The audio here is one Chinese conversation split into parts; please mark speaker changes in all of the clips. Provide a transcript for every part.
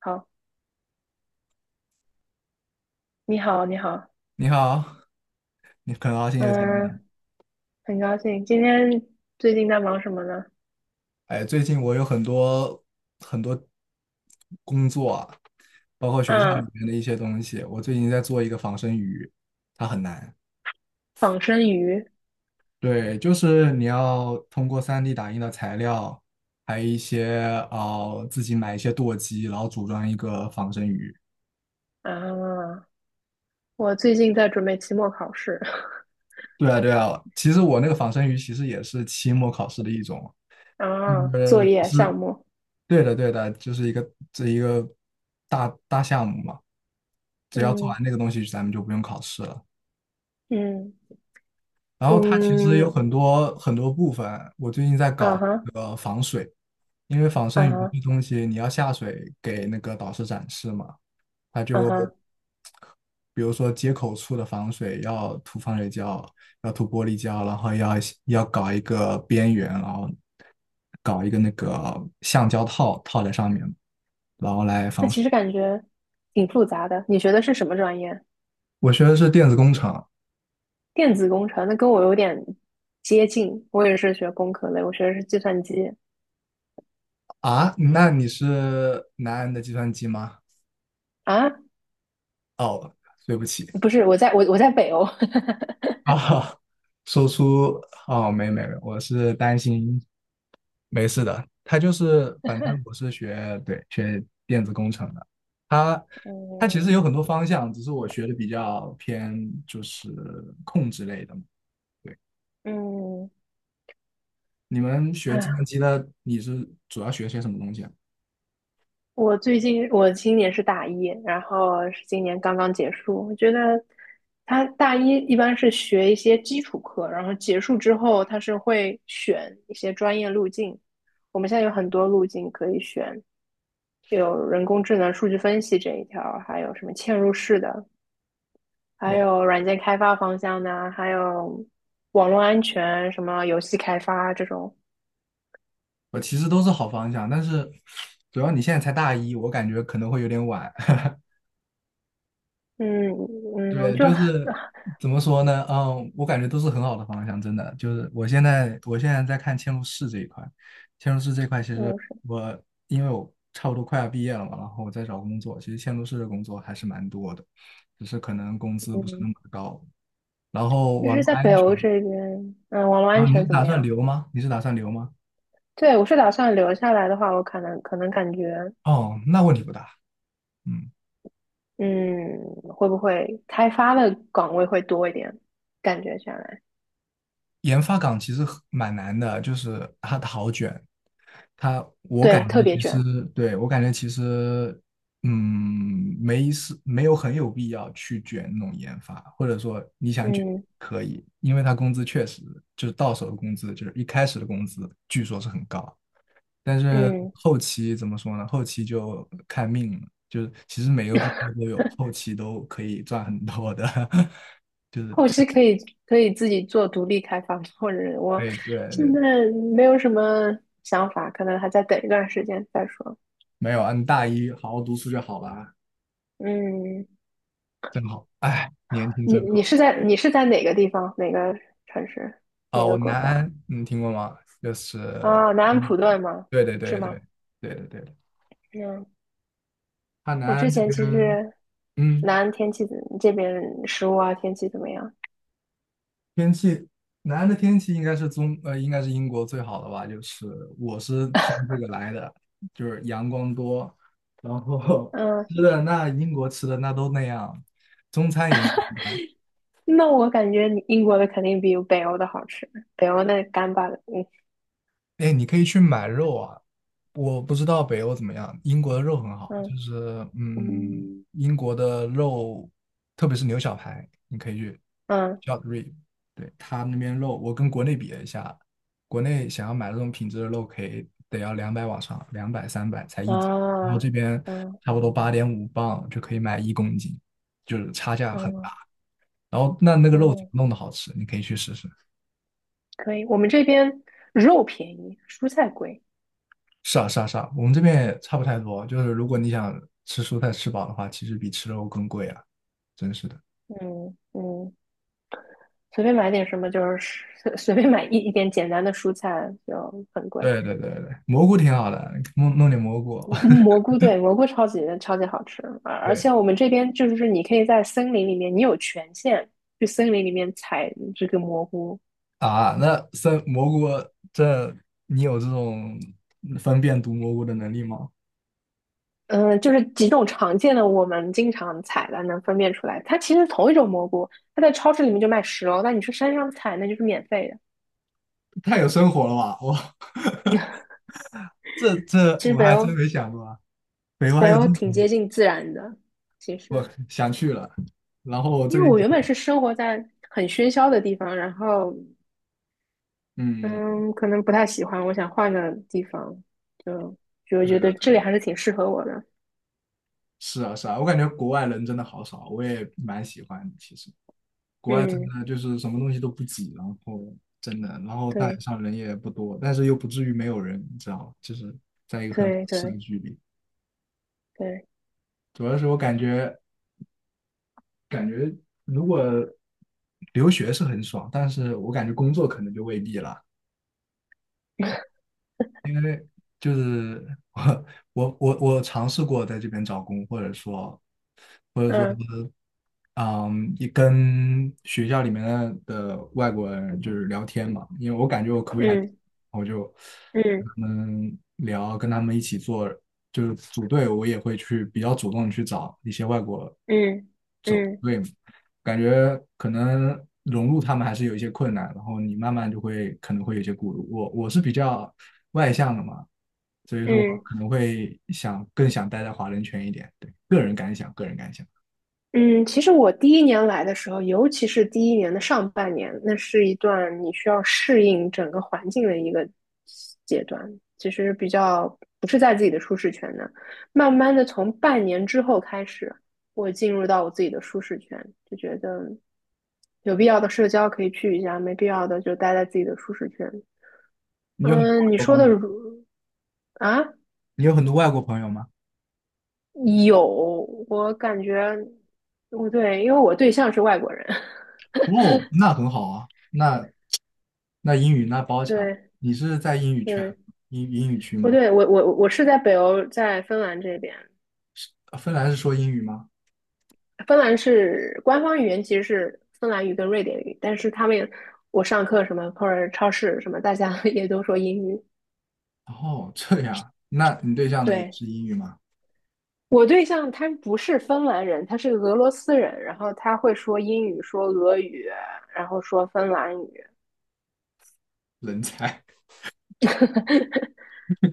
Speaker 1: 好，你好，你好。
Speaker 2: 你好，你很高兴又见面了。
Speaker 1: 嗯，很高兴。今天最近在忙什么呢？
Speaker 2: 哎，最近我有很多很多工作啊，包括学校里
Speaker 1: 嗯，
Speaker 2: 面的一些东西。我最近在做一个仿生鱼，它很难。
Speaker 1: 仿生鱼
Speaker 2: 对，就是你要通过三 d 打印的材料，还有一些自己买一些舵机，然后组装一个仿生鱼。
Speaker 1: 啊，我最近在准备期末考试。
Speaker 2: 对啊，对啊。其实我那个仿生鱼其实也是期末考试的一种。
Speaker 1: 啊，
Speaker 2: 呃，
Speaker 1: 作业
Speaker 2: 是
Speaker 1: 项目。
Speaker 2: 对的，对的，就是这一个大大项目嘛。只要做
Speaker 1: 嗯。
Speaker 2: 完那个东西，咱们就不用考试了。
Speaker 1: 嗯
Speaker 2: 然后它其实
Speaker 1: 嗯。
Speaker 2: 有很多很多部分，我最近在
Speaker 1: 啊
Speaker 2: 搞
Speaker 1: 哈。
Speaker 2: 那个防水，因为仿
Speaker 1: 啊
Speaker 2: 生鱼
Speaker 1: 哈。
Speaker 2: 这东西你要下水给那个导师展示嘛，他
Speaker 1: 啊
Speaker 2: 就
Speaker 1: 哈。
Speaker 2: 比如说接口处的防水要涂防水胶，要涂玻璃胶，然后要搞一个边缘，然后搞一个那个橡胶套套在上面，然后来
Speaker 1: 那
Speaker 2: 防水。
Speaker 1: 其实感觉挺复杂的。你学的是什么专业？
Speaker 2: 我学的是电子工程。
Speaker 1: 电子工程，那跟我有点接近。我也是学工科类，我学的是计算机。
Speaker 2: 啊，那你是南安的计算机吗？
Speaker 1: 啊，
Speaker 2: 哦，对不起
Speaker 1: 不是，我在北欧。
Speaker 2: 啊，说出哦，没没没，我是担心，没事的。他就是，反正我是学电子工程的，他他其实有 很多方向，只是我学的比较偏就是控制类的嘛。对，
Speaker 1: 嗯嗯。
Speaker 2: 你们学计算
Speaker 1: 啊。
Speaker 2: 机的，你是主要学些什么东西啊？
Speaker 1: 我最近我今年是大一，然后是今年刚刚结束。我觉得他大一一般是学一些基础课，然后结束之后他是会选一些专业路径。我们现在有很多路径可以选，有人工智能、数据分析这一条，还有什么嵌入式的，还
Speaker 2: 我
Speaker 1: 有软件开发方向的，还有网络安全、什么游戏开发这种。
Speaker 2: 我其实都是好方向，但是主要你现在才大一，我感觉可能会有点晚。
Speaker 1: 嗯嗯，
Speaker 2: 对，
Speaker 1: 就
Speaker 2: 就
Speaker 1: 很
Speaker 2: 是怎么说呢？嗯，我感觉都是很好的方向，真的。就是我现在在看嵌入式这一块，嵌入式这一块，其
Speaker 1: 嵌
Speaker 2: 实
Speaker 1: 入式，
Speaker 2: 因为我差不多快要毕业了嘛，然后我在找工作，其实嵌入式的工作还是蛮多的，只是可能工资不是那么
Speaker 1: 嗯
Speaker 2: 高。然后
Speaker 1: 就
Speaker 2: 网
Speaker 1: 是
Speaker 2: 络
Speaker 1: 在
Speaker 2: 安
Speaker 1: 北
Speaker 2: 全，
Speaker 1: 欧这边，嗯，网络
Speaker 2: 啊，
Speaker 1: 安
Speaker 2: 你是
Speaker 1: 全怎
Speaker 2: 打
Speaker 1: 么
Speaker 2: 算
Speaker 1: 样？
Speaker 2: 留吗？你是打算留吗？
Speaker 1: 对，我是打算留下来的话，我可能感觉，
Speaker 2: 哦，那问题不大。嗯，
Speaker 1: 嗯，会不会开发的岗位会多一点？感觉下来，
Speaker 2: 研发岗其实很蛮难的，就是它好卷，它我感
Speaker 1: 对，
Speaker 2: 觉
Speaker 1: 特别
Speaker 2: 其
Speaker 1: 卷，
Speaker 2: 实对我感觉其实没有很有必要去卷那种研发，或者说你想卷
Speaker 1: 嗯
Speaker 2: 可以，因为它工资确实就是到手的工资，就是一开始的工资据说是很高，但是
Speaker 1: 嗯，
Speaker 2: 后期怎么说呢？后期就看命了，就是其实每个工作都有后期都可以赚很多的，就是
Speaker 1: 后期可以自己做独立开发，或者我
Speaker 2: 对对
Speaker 1: 现
Speaker 2: 对。
Speaker 1: 在没有什么想法，可能还在等一段时间再说。
Speaker 2: 没有啊，你大一好好读书就好了，
Speaker 1: 嗯，
Speaker 2: 真好。哎，年轻
Speaker 1: 你
Speaker 2: 真
Speaker 1: 你
Speaker 2: 好。
Speaker 1: 是在你是在哪个地方？哪个城市？哪
Speaker 2: 哦，
Speaker 1: 个国
Speaker 2: 南
Speaker 1: 家？
Speaker 2: 安，你听过吗？就是
Speaker 1: 啊，南安
Speaker 2: 英
Speaker 1: 普
Speaker 2: 国的，
Speaker 1: 顿吗？
Speaker 2: 对对
Speaker 1: 是
Speaker 2: 对
Speaker 1: 吗？
Speaker 2: 对对对看
Speaker 1: 嗯，
Speaker 2: 南
Speaker 1: 我之
Speaker 2: 安这
Speaker 1: 前其
Speaker 2: 边。
Speaker 1: 实南
Speaker 2: 嗯，
Speaker 1: 安天气怎这边食物啊，天气怎么样？
Speaker 2: 天气，南安的天气应该是英国最好的吧。就是我是听这个来的，就是阳光多，然后
Speaker 1: 嗯，
Speaker 2: 吃的那英国吃的那都那样，中餐也一般。
Speaker 1: 那我感觉你英国的肯定比北欧的好吃，北欧那干巴的。
Speaker 2: 哎，你可以去买肉啊。我不知道北欧怎么样，英国的肉很好，就
Speaker 1: 嗯。
Speaker 2: 是英国的肉，特别是牛小排，你可以去
Speaker 1: 嗯
Speaker 2: short rib,对，他那边肉，我跟国内比了一下，国内想要买这种品质的肉，可以得要两百往上，200-300才
Speaker 1: 嗯。
Speaker 2: 1斤，然后
Speaker 1: 啊。
Speaker 2: 这边
Speaker 1: 嗯
Speaker 2: 差不多8.5磅就可以买1公斤，就是差价很大。
Speaker 1: 嗯
Speaker 2: 然后那个肉怎
Speaker 1: 嗯。
Speaker 2: 么弄的好吃，你可以去试试。
Speaker 1: 可以。我们这边肉便宜，蔬菜贵。
Speaker 2: 是啊，是啊，是啊，我们这边也差不太多。就是如果你想吃蔬菜吃饱的话，其实比吃肉更贵啊，真是的。
Speaker 1: 嗯嗯，随便买点什么就是随便买一点简单的蔬菜就很贵。
Speaker 2: 对对对对，蘑菇挺好的，弄弄点蘑菇。
Speaker 1: 蘑菇对蘑菇超级超级好吃，而而
Speaker 2: 对
Speaker 1: 且我们这边就是你可以在森林里面，你有权限去森林里面采这个蘑菇。
Speaker 2: 啊，那生蘑菇这你有这种分辨毒蘑菇的能力吗？
Speaker 1: 嗯，就是几种常见的我们经常采的能分辨出来，它其实同一种蘑菇，它在超市里面就卖10欧，但你去山上采那就是免费的。
Speaker 2: 太有生活了吧！我
Speaker 1: 其实
Speaker 2: 我
Speaker 1: 北
Speaker 2: 还真
Speaker 1: 欧
Speaker 2: 没想过啊，北欧还有这
Speaker 1: 挺
Speaker 2: 种，
Speaker 1: 接近自然的，其
Speaker 2: 我
Speaker 1: 实
Speaker 2: 想去了。然后我
Speaker 1: 因
Speaker 2: 最
Speaker 1: 为
Speaker 2: 近
Speaker 1: 我
Speaker 2: 觉
Speaker 1: 原本
Speaker 2: 得，
Speaker 1: 是生活在很喧嚣的地方，然后
Speaker 2: 嗯，
Speaker 1: 嗯，可能不太喜欢，我想换个地方，就就我
Speaker 2: 对
Speaker 1: 觉
Speaker 2: 的
Speaker 1: 得这
Speaker 2: 对
Speaker 1: 里
Speaker 2: 的，
Speaker 1: 还是挺适合我的。
Speaker 2: 是啊是啊，我感觉国外人真的好少，我也蛮喜欢的其实。国外真
Speaker 1: 嗯。
Speaker 2: 的就是什么东西都不挤，然后真的，大
Speaker 1: 对
Speaker 2: 街上人也不多，但是又不至于没有人，你知道吗，就是在一个很合
Speaker 1: 对
Speaker 2: 适的
Speaker 1: 对
Speaker 2: 距离。
Speaker 1: 对。
Speaker 2: 主要是我感觉，感觉如果留学是很爽，但是我感觉工作可能就未必了，因为就是我我尝试过在这边找工，或者说。或者说。
Speaker 1: 嗯
Speaker 2: 嗯，也跟学校里面的外国人就是聊天嘛，因为我感觉我口语还行，
Speaker 1: 嗯
Speaker 2: 我就跟
Speaker 1: 嗯
Speaker 2: 他们聊，跟他们一起做，就是组队，我也会去比较主动地去找一些外国
Speaker 1: 嗯
Speaker 2: 组
Speaker 1: 嗯
Speaker 2: 队嘛，感觉可能融入他们还是有一些困难，然后你慢慢就会可能会有一些顾虑。我是比较外向的嘛，所以说
Speaker 1: 嗯
Speaker 2: 可能会更想待在华人圈一点，对，个人感想，个人感想。
Speaker 1: 嗯。其实我第一年来的时候，尤其是第一年的上半年，那是一段你需要适应整个环境的一个阶段，其实比较不是在自己的舒适圈的。慢慢的，从半年之后开始，我进入到我自己的舒适圈，就觉得有必要的社交可以去一下，没必要的就待在自己的舒适圈。
Speaker 2: 你有很
Speaker 1: 嗯，你
Speaker 2: 多
Speaker 1: 说
Speaker 2: 朋友。
Speaker 1: 的如啊，
Speaker 2: 你有很多外国朋友吗？
Speaker 1: 有，我感觉不对，因为我对象是外国人。
Speaker 2: 哦，那很好啊，那英语那包 强。
Speaker 1: 对
Speaker 2: 你是在英语圈、
Speaker 1: 对。
Speaker 2: 英语区
Speaker 1: 不
Speaker 2: 吗？
Speaker 1: 对，我是在北欧，在芬兰这边。
Speaker 2: 芬兰是说英语吗？
Speaker 1: 芬兰是官方语言其实是芬兰语跟瑞典语，但是他们也我上课什么或者超市什么，大家 也都说英语。
Speaker 2: 哦，这样，那你对象呢也
Speaker 1: 对。
Speaker 2: 是英语吗？
Speaker 1: 我对象他不是芬兰人，他是俄罗斯人，然后他会说英语、说俄语，然后说芬兰语。
Speaker 2: 人才，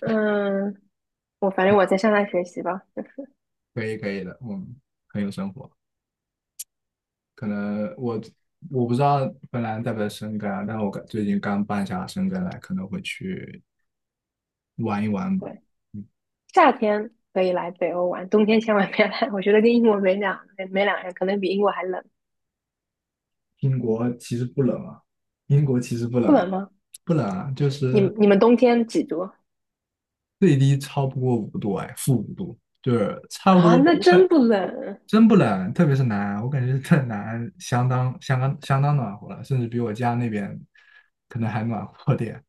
Speaker 1: 嗯，我反正我在向他学习吧。
Speaker 2: 可以可以的，我们很有生活。可能我不知道芬兰在不在申根啊，但我最近刚办下申根来，可能会去玩一玩吧。
Speaker 1: 对，
Speaker 2: 嗯
Speaker 1: 夏天可以来北欧玩，冬天千万别来，我觉得跟英国没两没没两样，可能比英国还冷。
Speaker 2: 英国其实不冷啊，英国其实不冷
Speaker 1: 不
Speaker 2: 啊，
Speaker 1: 冷吗？
Speaker 2: 不冷啊，就
Speaker 1: 你
Speaker 2: 是
Speaker 1: 们你们冬天几度
Speaker 2: 最低超不过五度，哎，-5度，就是差不
Speaker 1: 啊？
Speaker 2: 多。
Speaker 1: 那
Speaker 2: 我感
Speaker 1: 真不冷，
Speaker 2: 真不冷，特别是南安我感觉在南安相当相当相当暖和了，甚至比我家那边可能还暖和点。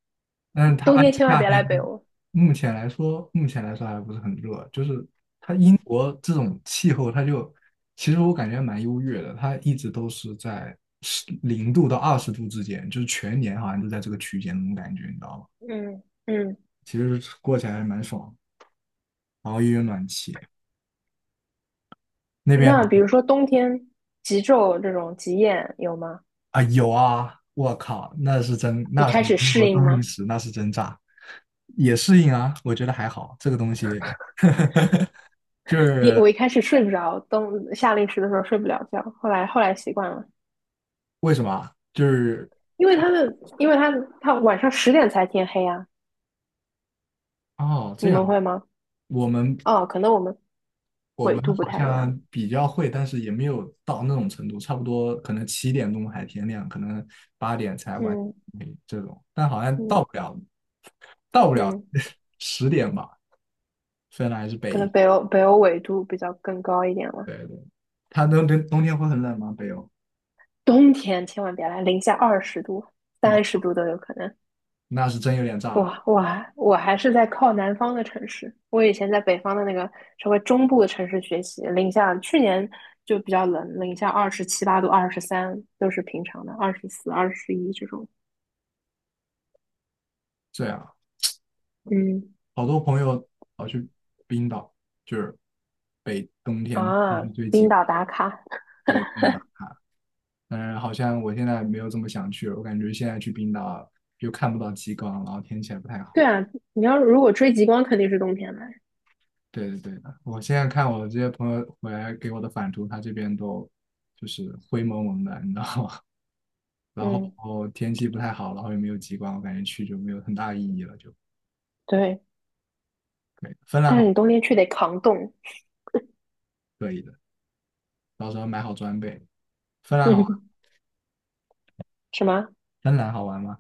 Speaker 2: 但是它
Speaker 1: 冬
Speaker 2: 而且
Speaker 1: 天千万
Speaker 2: 夏
Speaker 1: 别来北
Speaker 2: 天
Speaker 1: 欧。
Speaker 2: 目前来说还不是很热，就是它英国这种气候，它就其实我感觉蛮优越的，它一直都是在零度到20度之间，就是全年好像都在这个区间那种感觉，你知道吗？
Speaker 1: 嗯嗯，嗯。
Speaker 2: 其实过起来还蛮爽的。然后又有暖气。那边
Speaker 1: 那比如说冬天极昼这种极夜有吗？
Speaker 2: 啊有啊，我靠，
Speaker 1: 你
Speaker 2: 那是
Speaker 1: 开始
Speaker 2: 中国
Speaker 1: 适应
Speaker 2: 冬令
Speaker 1: 吗？
Speaker 2: 时，那是真炸，也适应啊，我觉得还好，这个东西 就
Speaker 1: 一
Speaker 2: 是
Speaker 1: 我一开始睡不着，冬夏令时的时候睡不了觉，后来习惯了，
Speaker 2: 为什么啊就是
Speaker 1: 因为他晚上10点才天黑啊，
Speaker 2: 哦这
Speaker 1: 你们
Speaker 2: 样，
Speaker 1: 会吗？
Speaker 2: 我们
Speaker 1: 哦，可能我们
Speaker 2: 我
Speaker 1: 纬
Speaker 2: 们
Speaker 1: 度不
Speaker 2: 好
Speaker 1: 太一样。
Speaker 2: 像比较会，但是也没有到那种程度，差不多可能7点钟还天亮，可能八点才完
Speaker 1: 嗯
Speaker 2: 这种，但好像到
Speaker 1: 嗯
Speaker 2: 不了，到不了
Speaker 1: 嗯，
Speaker 2: 10点吧，虽然还是北
Speaker 1: 可能
Speaker 2: 一。
Speaker 1: 北欧纬度比较更高一点了。
Speaker 2: 对对，它冬天会很冷吗？北欧，
Speaker 1: 冬天千万别来，零下20度、
Speaker 2: 我
Speaker 1: 三十
Speaker 2: 靠
Speaker 1: 度都有可能。
Speaker 2: 那是真有点
Speaker 1: 我
Speaker 2: 炸。
Speaker 1: 我还我还是在靠南方的城市，我以前在北方的那个稍微中部的城市学习，零下去年就比较冷，零下27、8度、23都是平常的，24、21这种。
Speaker 2: 这样，
Speaker 1: 嗯。
Speaker 2: 好多朋友跑去冰岛，就是北冬天必须
Speaker 1: 啊，
Speaker 2: 最极
Speaker 1: 冰岛
Speaker 2: 光，
Speaker 1: 打卡，
Speaker 2: 对，不能打。当然，好像我现在没有这么想去了。我感觉现在去冰岛又看不到极光，然后天气也不太
Speaker 1: 对
Speaker 2: 好。
Speaker 1: 啊，你要如果追极光肯定是冬天来，
Speaker 2: 对对对，我现在看我这些朋友回来给我的返图，他这边都就是灰蒙蒙的，你知道吗？然
Speaker 1: 嗯
Speaker 2: 后天气不太好，然后也没有极光，我感觉去就没有很大意义了，就
Speaker 1: 对，
Speaker 2: 对。芬兰
Speaker 1: 但是
Speaker 2: 好。
Speaker 1: 你冬天去得扛冻。
Speaker 2: 可以的，到时候买好装备。芬 兰好玩，
Speaker 1: 嗯，什么？
Speaker 2: 芬兰好玩吗？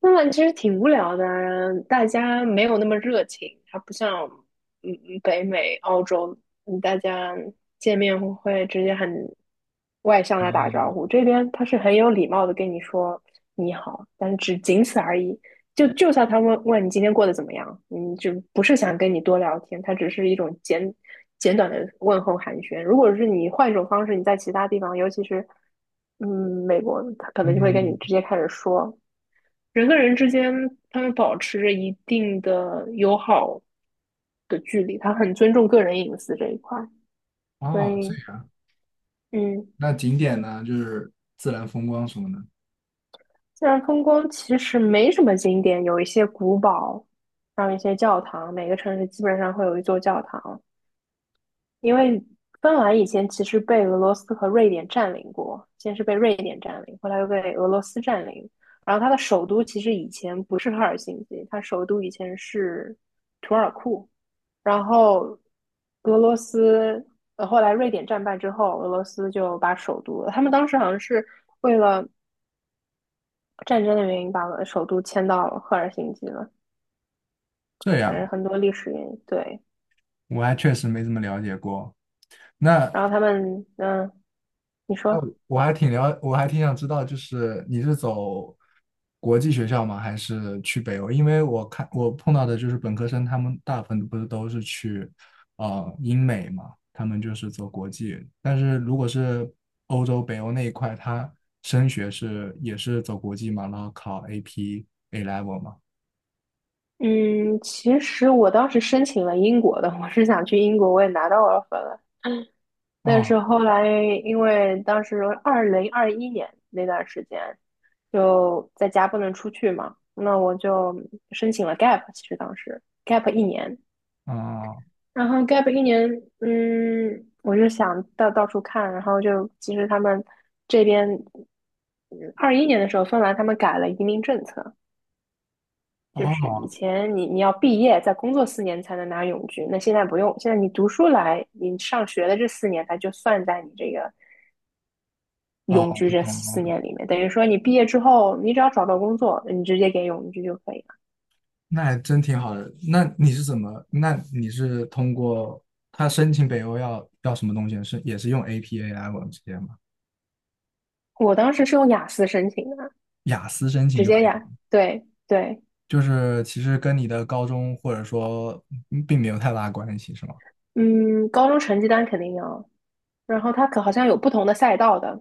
Speaker 1: 那其实挺无聊的，大家没有那么热情，它不像嗯嗯北美、澳洲，嗯大家见面会直接很外向的打招呼。这边他是很有礼貌的跟你说你好，但是只仅此而已。就就算他问问你今天过得怎么样，嗯，就不是想跟你多聊天，他只是一种简短的问候寒暄。如果是你换一种方式，你在其他地方，尤其是嗯美国，他可能就会跟你
Speaker 2: 嗯，
Speaker 1: 直接开始说。人跟人之间，他们保持着一定的友好的距离，他很尊重个人隐私这一块，所
Speaker 2: 哦，这
Speaker 1: 以，
Speaker 2: 样。
Speaker 1: 嗯，
Speaker 2: 那景点呢，就是自然风光什么的。
Speaker 1: 自然风光其实没什么景点，有一些古堡，还有一些教堂，每个城市基本上会有一座教堂，因为芬兰以前其实被俄罗斯和瑞典占领过，先是被瑞典占领，后来又被俄罗斯占领，然后它的首都其实以前不是赫尔辛基，它首都以前是图尔库。然后俄罗斯，后来瑞典战败之后，俄罗斯就把首都，他们当时好像是为了战争的原因，把首都迁到赫尔辛基了，
Speaker 2: 这
Speaker 1: 反正
Speaker 2: 样，
Speaker 1: 很多历史原因。对，
Speaker 2: 我还确实没怎么了解过。
Speaker 1: 然后他们，嗯，你说，
Speaker 2: 我还挺想知道，就是你是走国际学校吗？还是去北欧？因为我看我碰到的就是本科生，他们大部分不是都是去英美嘛，他们就是走国际。但是如果是欧洲北欧那一块，他升学也是走国际嘛，然后考 AP A level 嘛。
Speaker 1: 嗯，其实我当时申请了英国的，我是想去英国，我也拿到 offer 了，但是
Speaker 2: 哦，
Speaker 1: 后来，因为当时2021年那段时间，就在家不能出去嘛，那我就申请了 gap。其实当时 gap 一年，
Speaker 2: 哦，
Speaker 1: 然后 gap 一年，嗯，我就想到到处看，然后就其实他们这边二一年的时候，芬兰他们改了移民政策，就是以
Speaker 2: 哦，
Speaker 1: 前你你要毕业再工作四年才能拿永居，那现在不用，现在你读书来，你上学的这四年它就算在你这个
Speaker 2: 哦，
Speaker 1: 永居
Speaker 2: 我
Speaker 1: 这
Speaker 2: 懂了，我
Speaker 1: 四
Speaker 2: 懂了。
Speaker 1: 年里面，等于说你毕业之后，你只要找到工作，你直接给永居就可以了。
Speaker 2: 那还真挺好的。那你是怎么？那你是通过他申请北欧要什么东西？是也是用 APA 来往们直接吗？
Speaker 1: 我当时是用雅思申请的，
Speaker 2: 雅思申请
Speaker 1: 直
Speaker 2: 就可
Speaker 1: 接
Speaker 2: 以
Speaker 1: 雅，
Speaker 2: 吗？
Speaker 1: 对对，
Speaker 2: 就是其实跟你的高中或者说并没有太大关系，是吗？
Speaker 1: 嗯，高中成绩单肯定要，然后它可好像有不同的赛道的，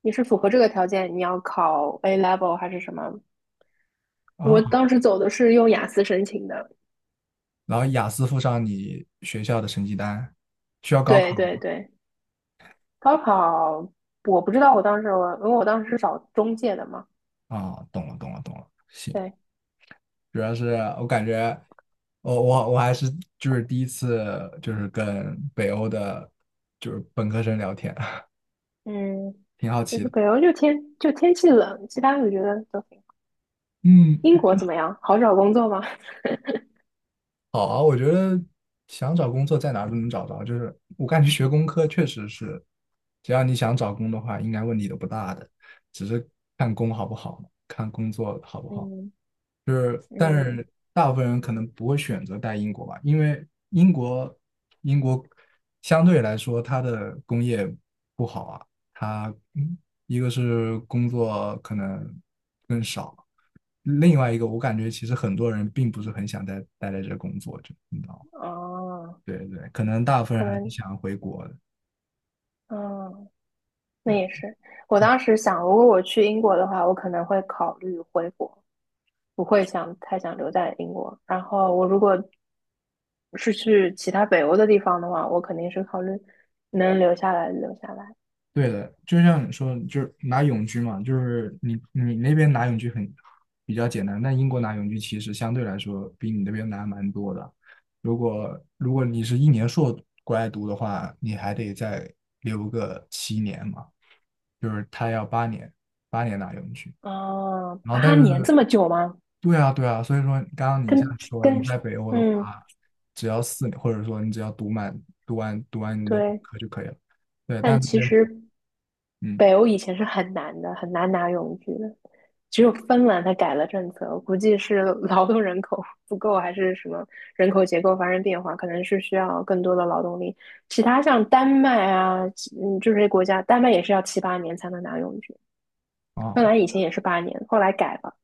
Speaker 1: 你是符合这个条件，你要考 A level 还是什么？
Speaker 2: 啊，
Speaker 1: 我当时走的是用雅思申请的，
Speaker 2: 然后雅思附上你学校的成绩单，需要高考
Speaker 1: 对对
Speaker 2: 吗？
Speaker 1: 对，高考我不知道，我当时我因为我当时是找中介的嘛，
Speaker 2: 啊，懂了，懂了，懂了。行，
Speaker 1: 对，
Speaker 2: 主要是我感觉我还是就是第一次就是跟北欧的，就是本科生聊天，
Speaker 1: 嗯，
Speaker 2: 挺好
Speaker 1: 就
Speaker 2: 奇
Speaker 1: 是
Speaker 2: 的。
Speaker 1: 北欧就天就天气冷，其他我觉得都英
Speaker 2: 嗯，
Speaker 1: 国怎么样？好找工作吗？
Speaker 2: 好啊，我觉得想找工作在哪儿都能找着，就是我感觉学工科确实是，只要你想找工的话，应该问题都不大的，只是看工好不好，看工作好不 好。
Speaker 1: 嗯
Speaker 2: 就是，但
Speaker 1: 嗯。
Speaker 2: 是大部分人可能不会选择待英国吧，因为英国英国相对来说它的工业不好啊，它一个是工作可能更少，另外一个我感觉其实很多人并不是很想待在这工作，就你知道吗？
Speaker 1: 哦。
Speaker 2: 对对，可能大部分
Speaker 1: 可
Speaker 2: 人还是
Speaker 1: 能。
Speaker 2: 想回国的。
Speaker 1: 嗯。那
Speaker 2: 对。
Speaker 1: 也是。我当时想，如果我去英国的话，我可能会考虑回国，不会想太想留在英国。然后我如果是去其他北欧的地方的话，我肯定是考虑能留下来留下来。
Speaker 2: 对的，就像你说，就是拿永居嘛，就是你那边拿永居比较简单，但英国拿永居其实相对来说比你那边难蛮多的。如果你是一年硕过来读的话，你还得再留个七年嘛，就是他要八年，八年拿永居。
Speaker 1: 哦，
Speaker 2: 然后
Speaker 1: 八
Speaker 2: 但是，
Speaker 1: 年这么久吗？
Speaker 2: 对啊对啊，所以说刚刚你像
Speaker 1: 跟
Speaker 2: 你说你
Speaker 1: 跟，
Speaker 2: 在北欧的
Speaker 1: 嗯，
Speaker 2: 话，只要四年，或者说你只要读完你的本
Speaker 1: 对。
Speaker 2: 科就可以了。对，但
Speaker 1: 但
Speaker 2: 这
Speaker 1: 其
Speaker 2: 边
Speaker 1: 实
Speaker 2: 嗯。
Speaker 1: 北欧以前是很难的，很难拿永居的，只有芬兰它改了政策，我估计是劳动人口不够，还是什么人口结构发生变化，可能是需要更多的劳动力。其他像丹麦啊，就嗯，这些国家，丹麦也是要7、8年才能拿永居，
Speaker 2: 啊，
Speaker 1: 芬兰以前也是八年，后来改了，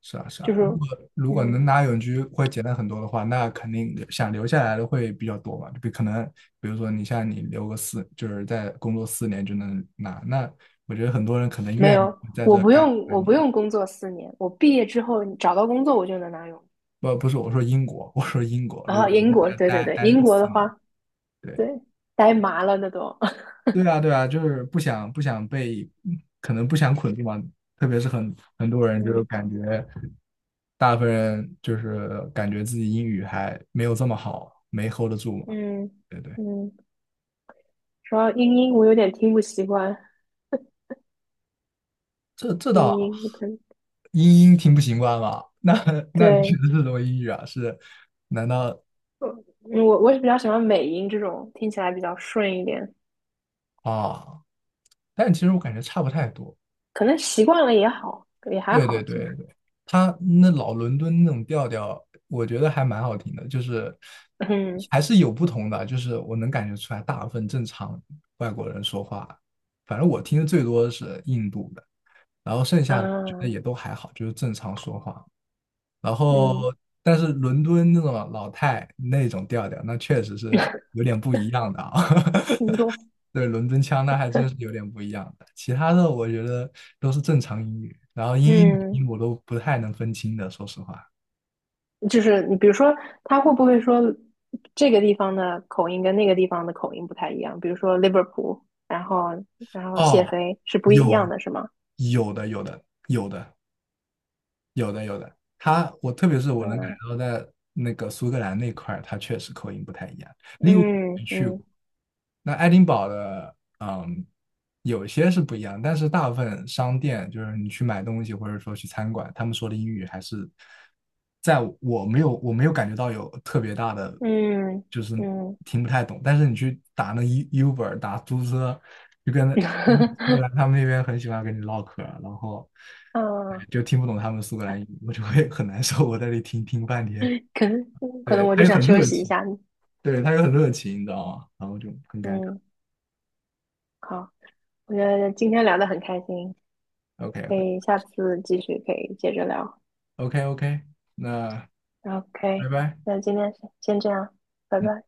Speaker 2: 是啊，是啊，
Speaker 1: 就是
Speaker 2: 如果能
Speaker 1: 嗯，
Speaker 2: 拿永居会简单很多的话，那肯定想留下来的会比较多嘛。可能，比如说你像你留个四，就是在工作四年就能拿，那我觉得很多人可能
Speaker 1: 没
Speaker 2: 愿意
Speaker 1: 有，
Speaker 2: 在
Speaker 1: 我
Speaker 2: 这
Speaker 1: 不
Speaker 2: 干
Speaker 1: 用，
Speaker 2: 三
Speaker 1: 我不
Speaker 2: 年。
Speaker 1: 用工作四年，我毕业之后找到工作我就能拿永居，
Speaker 2: 不，不是我说英国，我说英国，
Speaker 1: 然
Speaker 2: 如
Speaker 1: 后
Speaker 2: 果能
Speaker 1: 英
Speaker 2: 在
Speaker 1: 国，
Speaker 2: 这
Speaker 1: 对对
Speaker 2: 待
Speaker 1: 对，
Speaker 2: 待
Speaker 1: 英
Speaker 2: 个
Speaker 1: 国的
Speaker 2: 四年，
Speaker 1: 话，
Speaker 2: 对，
Speaker 1: 对，呆麻了那都。
Speaker 2: 对啊，对啊，就是不想被，可能不想捆住嘛。特别是很多人就是
Speaker 1: 嗯。
Speaker 2: 感觉，大部分人就是感觉自己英语还没有这么好，没 hold 得住嘛。
Speaker 1: 嗯
Speaker 2: 对对，
Speaker 1: 嗯，主要英音我有点听不习惯，
Speaker 2: 这
Speaker 1: 英
Speaker 2: 倒
Speaker 1: 音不可能，
Speaker 2: 英听不习惯吧？那 那你学
Speaker 1: 对，
Speaker 2: 的是什么英语啊？是难道
Speaker 1: 我我是比较喜欢美音这种，听起来比较顺一点，
Speaker 2: 啊？但其实我感觉差不太多。
Speaker 1: 可能习惯了也好，也还
Speaker 2: 对对
Speaker 1: 好其
Speaker 2: 对
Speaker 1: 实。
Speaker 2: 对，他那老伦敦那种调调，我觉得还蛮好听的，就是
Speaker 1: 嗯
Speaker 2: 还是有不同的，就是我能感觉出来，大部分正常外国人说话，反正我听的最多的是印度的，然后剩下的我觉得
Speaker 1: 嗯
Speaker 2: 也都还好，就是正常说话。然后
Speaker 1: 嗯，
Speaker 2: 但是伦敦那种老太那种调调，那确实是有点不一样的啊。
Speaker 1: 听不 懂。
Speaker 2: 对，伦敦腔那还真是有点不一样的。其他的我觉得都是正常英语，然后英英语音
Speaker 1: 嗯，
Speaker 2: 我都不太能分清的，说实话。
Speaker 1: 就是你比如说，他会不会说这个地方的口音跟那个地方的口音不太一样？比如说 Liverpool，然后然后谢
Speaker 2: 哦，
Speaker 1: 飞是不一
Speaker 2: 有，
Speaker 1: 样的，是吗？
Speaker 2: 有的，有的，有的，有的，有的。我特别是我能感
Speaker 1: 嗯
Speaker 2: 觉到在那个苏格兰那块儿，他确实口音不太一样。利物浦
Speaker 1: 嗯
Speaker 2: 没去
Speaker 1: 嗯
Speaker 2: 过，那爱丁堡的嗯，有些是不一样，但是大部分商店就是你去买东西或者说去餐馆，他们说的英语还是在我没有感觉到有特别大的，
Speaker 1: 嗯
Speaker 2: 就是
Speaker 1: 嗯。
Speaker 2: 听不太懂。但是你去打那 Uber 打出租车，就跟那苏格兰他 们那边很喜欢跟你唠嗑儿，然后
Speaker 1: 嗯，
Speaker 2: 就听不懂他们苏格兰语，我就会很难受。我在那里听听半天，
Speaker 1: 可能可能
Speaker 2: 对，
Speaker 1: 我
Speaker 2: 他
Speaker 1: 就
Speaker 2: 又
Speaker 1: 想
Speaker 2: 很
Speaker 1: 休
Speaker 2: 热
Speaker 1: 息一
Speaker 2: 情，
Speaker 1: 下。
Speaker 2: 对，他又很热情，你知道吗？然后就很尴尬。
Speaker 1: 嗯，好，我觉得今天聊得很开心，
Speaker 2: OK
Speaker 1: 可
Speaker 2: OK，
Speaker 1: 以下次继续可以接着聊。
Speaker 2: OK OK，那
Speaker 1: OK，
Speaker 2: 拜拜。
Speaker 1: 那今天先这样，拜
Speaker 2: 嗯。
Speaker 1: 拜。